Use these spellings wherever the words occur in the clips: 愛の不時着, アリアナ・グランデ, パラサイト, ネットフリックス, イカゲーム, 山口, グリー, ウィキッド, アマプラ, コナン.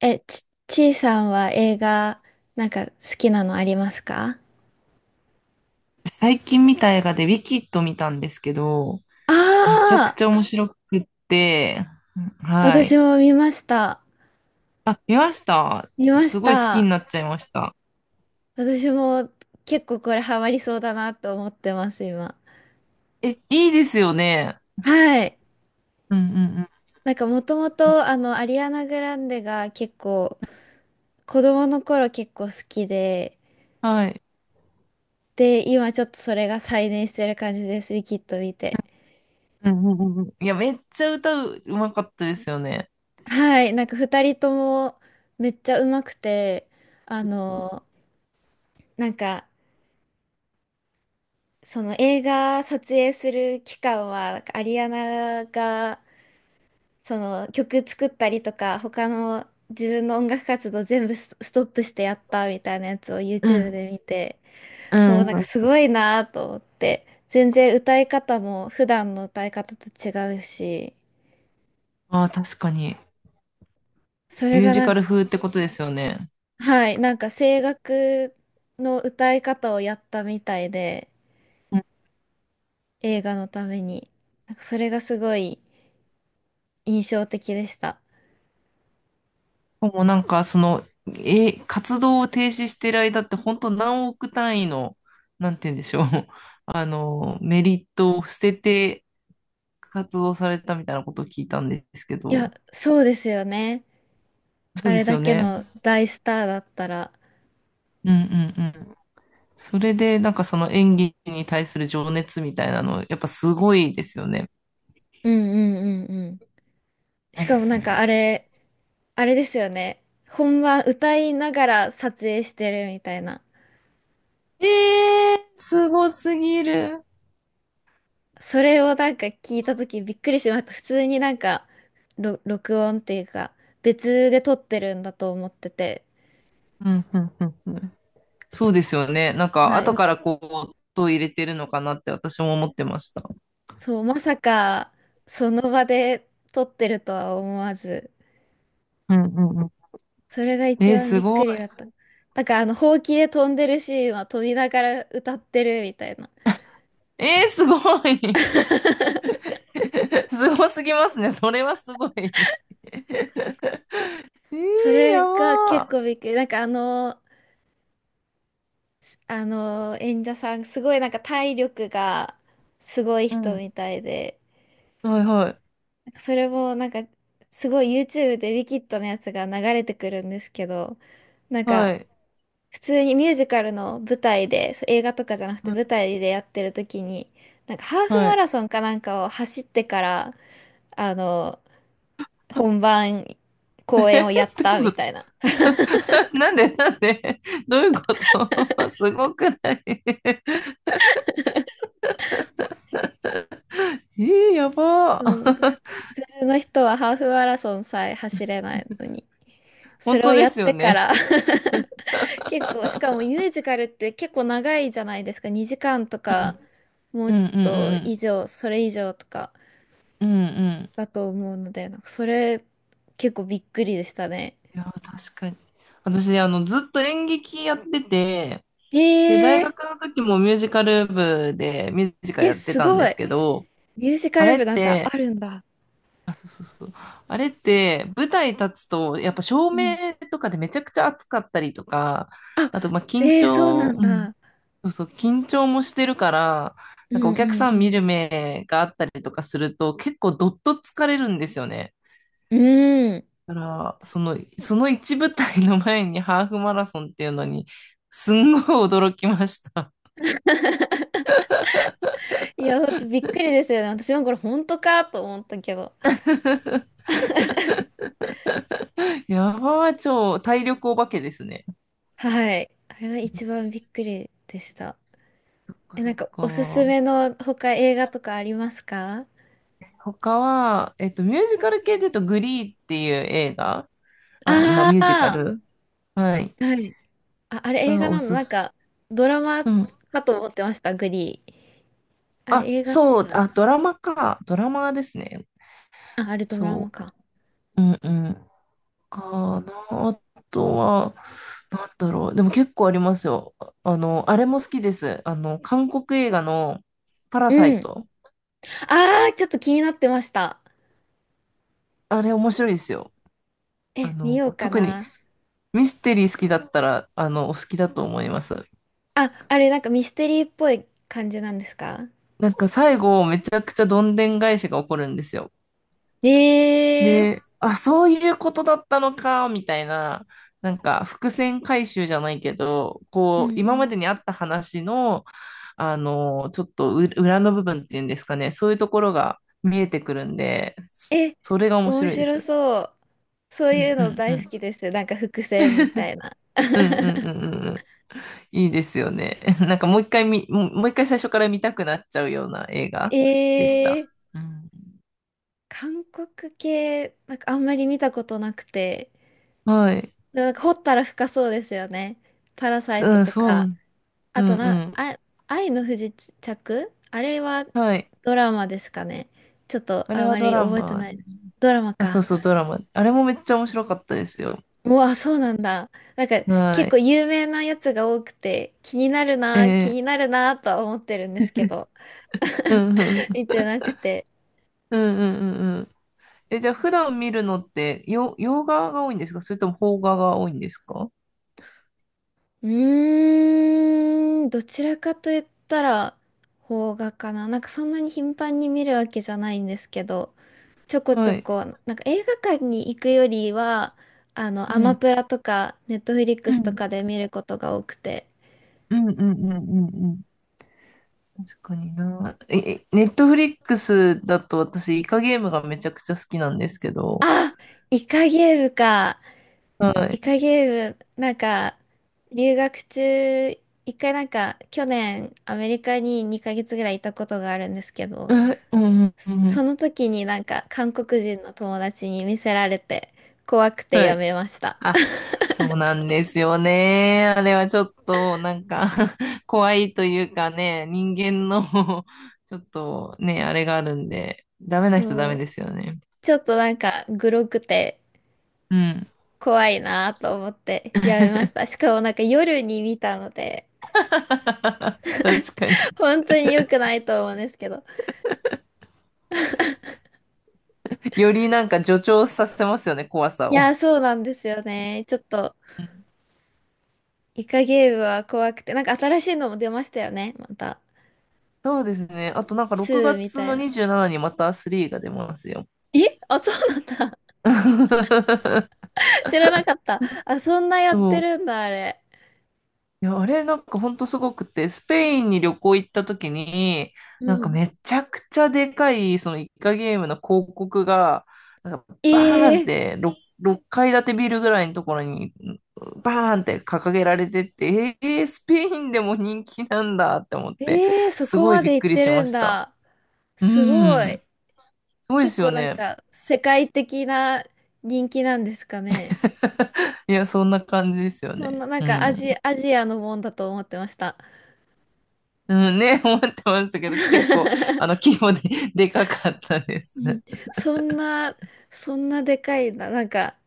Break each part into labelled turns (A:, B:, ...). A: ちいさんは映画、なんか好きなのありますか？
B: 最近見た映画でウィキッド見たんですけど、めちゃく
A: ああ
B: ちゃ面白くって、
A: ー、
B: は
A: 私
B: い。
A: も見ました。
B: あ、見ました。
A: 見まし
B: すごい好きに
A: た。
B: なっちゃいました。
A: 私も結構これハマりそうだなと思ってます、今。
B: え、いいですよね。
A: はい。
B: うんうんうん。
A: なんかもともと、アリアナ・グランデが結構、子供の頃結構好きで、
B: はい。
A: で、今ちょっとそれが再燃してる感じです、ウィキッド見て。
B: うんうんうんうん。いや、めっちゃうまかったですよね。
A: はい。なんか二人ともめっちゃ上手くて、あの、なんか、その映画撮影する期間は、アリアナがその曲作ったりとか、他の自分の音楽活動全部ストップしてやったみたいなやつを
B: う
A: YouTube
B: ん。
A: で見て、
B: う
A: もう
B: ん
A: なん
B: う
A: か
B: ん。
A: すごいなと思って、全然歌い方も普段の歌い方と違うし、
B: ああ、確かに。
A: そ
B: ミ
A: れ
B: ュー
A: が
B: ジ
A: な
B: カ
A: ん
B: ル
A: か、
B: 風ってことですよね。
A: はい、なんか声楽の歌い方をやったみたいで、映画のために、なんかそれがすごい印象的でした。
B: もうなんか、その、活動を停止してる間って、本当何億単位の、なんて言うんでしょう、あの、メリットを捨てて活動されたみたいなことを聞いたんですけ
A: いや、
B: ど、
A: そうですよね。
B: そ
A: あ
B: うで
A: れ
B: す
A: だ
B: よ
A: け
B: ね。
A: の大スターだったら。
B: うんうんうん。それで、なんかその演技に対する情熱みたいなの、やっぱすごいですよね。
A: うんうんうんうん。しかもなんかあれですよね。本番歌いながら撮影してるみたいな。
B: えー、すごすぎる。
A: それをなんか聞いた時びっくりしました。普通になんか、録音っていうか、別で撮ってるんだと思ってて。
B: うんうんうんうん。そうですよね。なんか、
A: は
B: 後
A: い。
B: からこう、音を入れてるのかなって私も思ってました。
A: そう、まさか、その場で撮ってるとは思わず。
B: うんうん。
A: それが一
B: えー、
A: 番
B: す
A: びっ
B: ご
A: く
B: い。
A: りだった。なんかほうきで飛んでるシーンは飛びながら歌ってるみたいな。
B: えー、すごい。すごすぎますね。それはすごい。えー、
A: そ
B: や
A: れが結
B: ば
A: 構びっくり。なんかあの演者さん、すごいなんか体力がすごい
B: ー。う
A: 人
B: ん。
A: みたいで、
B: はいはい。
A: なんかそれもなんかすごい YouTube でウィキッドのやつが流れてくるんですけど、なん
B: は
A: か
B: い。
A: 普通にミュージカルの舞台で、そう映画とかじゃなくて
B: はい
A: 舞台でやってる時に、なんかハーフ
B: は
A: マ
B: い。
A: ラソンかなんかを走ってから、あの、本 番
B: え
A: 公演をやっ
B: ー、ど
A: た
B: うい
A: み
B: うこと。
A: たいな。
B: なんでなんで。 どういうこと。 すごくない。 えー、やば
A: そう、
B: ー。
A: 普通の人はハーフマラソンさえ走れないのに、そ
B: 本
A: れを
B: 当で
A: やっ
B: すよ
A: てか
B: ね。
A: ら 結構、しかもミュージカルって結構長いじゃないですか。2時間と
B: う
A: か、
B: ん
A: も
B: うん
A: っ
B: う
A: と以
B: ん
A: 上、それ以上とか
B: うんうんうんうん。
A: だと思うので、なんかそれ結構びっくりでしたね。
B: いやー、確かに私ずっと演劇やってて、で、大
A: え
B: 学
A: ー、
B: の時もミュージカル部でミュージカル
A: え、
B: やって
A: す
B: たんで
A: ご
B: す
A: い。
B: けど、
A: ミュージカ
B: あ
A: ル
B: れっ
A: 部なんてあ
B: て、
A: るんだ。
B: あ、そうそうそう。あれって、舞台立つと、やっぱ照
A: う
B: 明
A: ん。
B: とかでめちゃくちゃ暑かったりとか、
A: あ、
B: あと、まあ、緊
A: えー、そうな
B: 張、
A: ん
B: うん、
A: だ。
B: そうそう、緊張もしてるから、
A: う
B: なんかお客
A: ん
B: さ
A: う
B: ん見
A: ん
B: る目があったりとかすると、結構どっと疲れるんですよね。
A: うん。うん。
B: だから、その、一舞台の前にハーフマラソンっていうのに、すんごい驚きました。
A: いや、ほんとびっくりですよね。私もこれ本当かと思ったけど。
B: ヤバー、超体力お化けですね。
A: はい。あれが一番びっくりでした。
B: そっか
A: え、
B: そ
A: なん
B: っ
A: かおすす
B: か。
A: めの他映画とかありますか？
B: 他は、ミュージカル系で言うと、グリーっていう映画、あ、まあ、ミュージカ
A: ああ
B: ル、はい、
A: ー、はい。あ、あれ映
B: が
A: 画
B: お
A: なの
B: す
A: なん
B: す、
A: かドラマ
B: うん。
A: かと思ってました、グリー。あれ
B: あ、
A: 映画な
B: そ
A: ん
B: う、
A: だ。
B: あ、ドラマか。ドラマですね。
A: あ、あれドラマ
B: そ
A: か。
B: う。うんうん。かな。あとは、なんだろう。でも結構ありますよ。あれも好きです。韓国映画のパラ
A: う
B: サイ
A: ん。
B: ト。
A: ああ、ちょっと気になってました。
B: あれ面白いですよ。
A: え、見ようか
B: 特に、
A: な。
B: ミステリー好きだったら、お好きだと思います。
A: あ、あれなんかミステリーっぽい感じなんですか？
B: なんか最後、めちゃくちゃどんでん返しが起こるんですよ。
A: ええー。
B: で、あ、そういうことだったのか、みたいな、なんか伏線回収じゃないけど、
A: う
B: こう、
A: んう
B: 今ま
A: ん、
B: でにあった話の、ちょっとう裏の部分っていうんですかね、そういうところが見えてくるんで、そ
A: え、
B: それが面
A: 面
B: 白いで
A: 白
B: す。
A: そう。そう
B: う
A: い
B: ん
A: う
B: う
A: の
B: んう
A: 大好
B: ん。
A: きです。なんか伏線みた いな。
B: うんうんうん うんうん。いいですよね。なんかもう一回最初から見たくなっちゃうような映画でし
A: え
B: た。
A: ー、
B: うん。
A: 韓国系、なんかあんまり見たことなくて。
B: はい。
A: でもなんか掘ったら深そうですよね。パラサイト
B: うん、
A: と
B: そ
A: か。
B: う。
A: あ
B: う
A: と
B: んう
A: な、
B: ん。
A: あ、愛の不時着あれは
B: はい。
A: ドラマですかね。ちょっと
B: あれ
A: あ
B: は
A: ま
B: ド
A: り
B: ラ
A: 覚えて
B: マ。ね、
A: ない。ドラマ
B: あ、そう
A: か。
B: そう、ドラマ。あれもめっちゃ面白かったですよ。
A: あ、そうなんだ。なんか
B: は
A: 結構
B: い。
A: 有名なやつが多くて気になる
B: え
A: な、気
B: ー、
A: になるなとは思ってるんですけど。
B: うんうん。
A: 見てなくて。
B: うんうんうんうん。え、じゃあ普段見るのって、洋画が多いんですか？それとも邦画が多いんですか？
A: うーん、どちらかと言ったら、邦画かな。なんかそんなに頻繁に見るわけじゃないんですけど、ちょこち
B: は
A: ょ
B: い。
A: こ、なんか映画館に行くよりは、
B: う
A: アマ
B: ん。
A: プラとか、ネットフリッ
B: う
A: クスと
B: ん。
A: かで見ることが多くて。
B: うんうんうんうんうん。確かにな。え、ネットフリックスだと私、イカゲームがめちゃくちゃ好きなんですけど。
A: あ、イカゲームか。
B: は
A: イ
B: い。
A: カゲーム、なんか、留学中、一回なんか、去年、アメリカに2ヶ月ぐらいいたことがあるんですけど、
B: うんうんうんう
A: そ
B: ん。
A: の時になんか韓国人の友達に見せられて怖くて
B: は
A: や
B: い。
A: めました。
B: あ、そうなんですよね。あれはちょっと、なんか 怖いというかね、人間の ちょっとね、あれがあるんで、ダメな人ダ
A: そ
B: メで
A: う。
B: すよね。
A: ちょっとなんかグロくて
B: うん。
A: 怖いなと思ってやめました。しかもなんか夜に見たので、
B: 確かに。
A: 本当に良くないと思うんですけど。
B: よりなんか助長させますよね、怖さ
A: いや
B: を。
A: ー、そうなんですよね。ちょっとイカゲームは怖くて、なんか新しいのも出ましたよね。また。
B: そうですね。あとなんか
A: ツ
B: 6
A: ーみ
B: 月
A: たい
B: の
A: な。
B: 27にまた3が出ますよ。
A: あ、そうなんだ。知らなかった。あ、そんなやっ
B: そ
A: て
B: う。
A: るんだ、あれ。
B: いや、あれなんかほんとすごくて、スペインに旅行行った時に、
A: う
B: なんか
A: ん。
B: めちゃくちゃでかい、そのイカゲームの広告が、なんか
A: え
B: バーンっ
A: え
B: て6階建てビルぐらいのところに、バーンって掲げられてって、えー、スペインでも人気なんだって思って、
A: ええーそ
B: す
A: こ
B: ごい
A: ま
B: び
A: で
B: っ
A: 行
B: く
A: っ
B: り
A: て
B: し
A: る
B: ま
A: ん
B: した。
A: だ。
B: う
A: すごい。
B: ん。すごいで
A: 結
B: すよ
A: 構なん
B: ね。
A: か世界的な人気なんですかね。
B: いや、そんな感じですよ
A: そん
B: ね。
A: ななん
B: う
A: か
B: ん。
A: アジアのもんだと思ってました。
B: うんね、思ってましたけど、結構、規模で、でかかったです。
A: うん、そんな、そんなでかいな。なんか、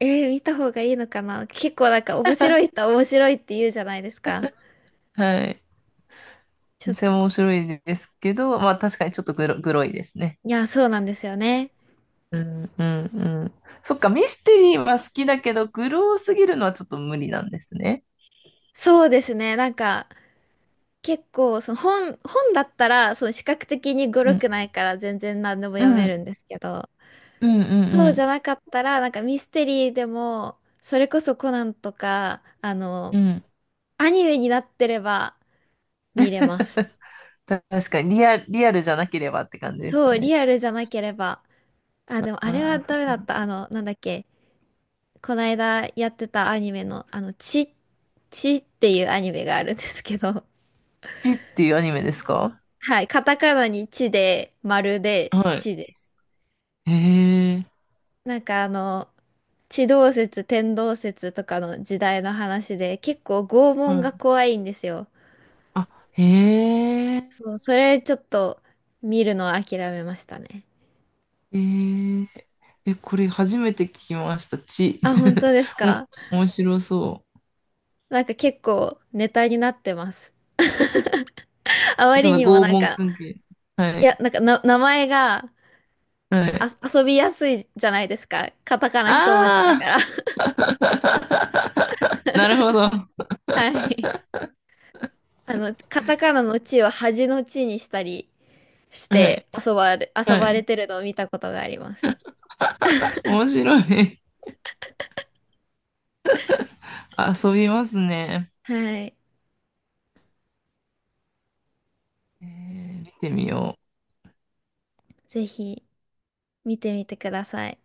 A: 見た方がいいのかな。結構なんか面白い人は面白いって言うじゃないですか。
B: はい。
A: ちょ
B: め
A: っ
B: っち
A: と、
B: ゃ面白いですけど、まあ確かにちょっとグロいですね。
A: いや、そうなんですよね。
B: うん、うん、うん。そっか、ミステリーは好きだけど、グロすぎるのはちょっと無理なんですね。
A: そうですね。なんか、結構、その本だったら、その視覚的に語
B: う
A: 呂
B: ん、
A: くないから全然何でも
B: う
A: 読め
B: ん、
A: るんですけど、
B: うん、
A: そ
B: う
A: うじゃ
B: ん、
A: なかったら、なんかミステリーでも、それこそコナンとか、
B: うん。うん。
A: アニメになってれば見れます。
B: 確かにリアルじゃなければって感じです
A: そ
B: か
A: う、
B: ね。
A: リアルじゃなければ。あ、でもあれ
B: あ
A: は
B: あ、そ
A: ダ
B: う
A: メだっ
B: か。
A: た。なんだっけ、この間やってたアニメの、ちっていうアニメがあるんですけど、
B: ちっていうアニメですか？
A: はい、カタカナにちで、丸で、
B: はい。
A: ちです。
B: へえ。
A: なんか地動説、天動説とかの時代の話で、結構拷問が怖いんですよ。
B: あ、へえ、
A: そう、それちょっと見るのは諦めましたね。
B: へええ、これ初めて聞きました。ち、
A: あ、本当です か？
B: お、面白そ
A: なんか結構ネタになってます。あま
B: う。そ
A: り
B: の
A: にも
B: 拷
A: なん
B: 問
A: か、
B: 関係。は
A: い
B: い、
A: や、なんかな、名前が
B: は
A: あ
B: い。
A: 遊びやすいじゃないですか。カタカナ一文字だか
B: ああ。
A: ら。
B: なるほど。は
A: はい。カタカナの地を恥の地にしたりし
B: い、
A: て遊
B: は
A: ばれ
B: い。
A: てるのを見たことがあります。
B: 面白い。遊びますね。
A: はい。
B: えー、見てみよう。
A: ぜひ見てみてください。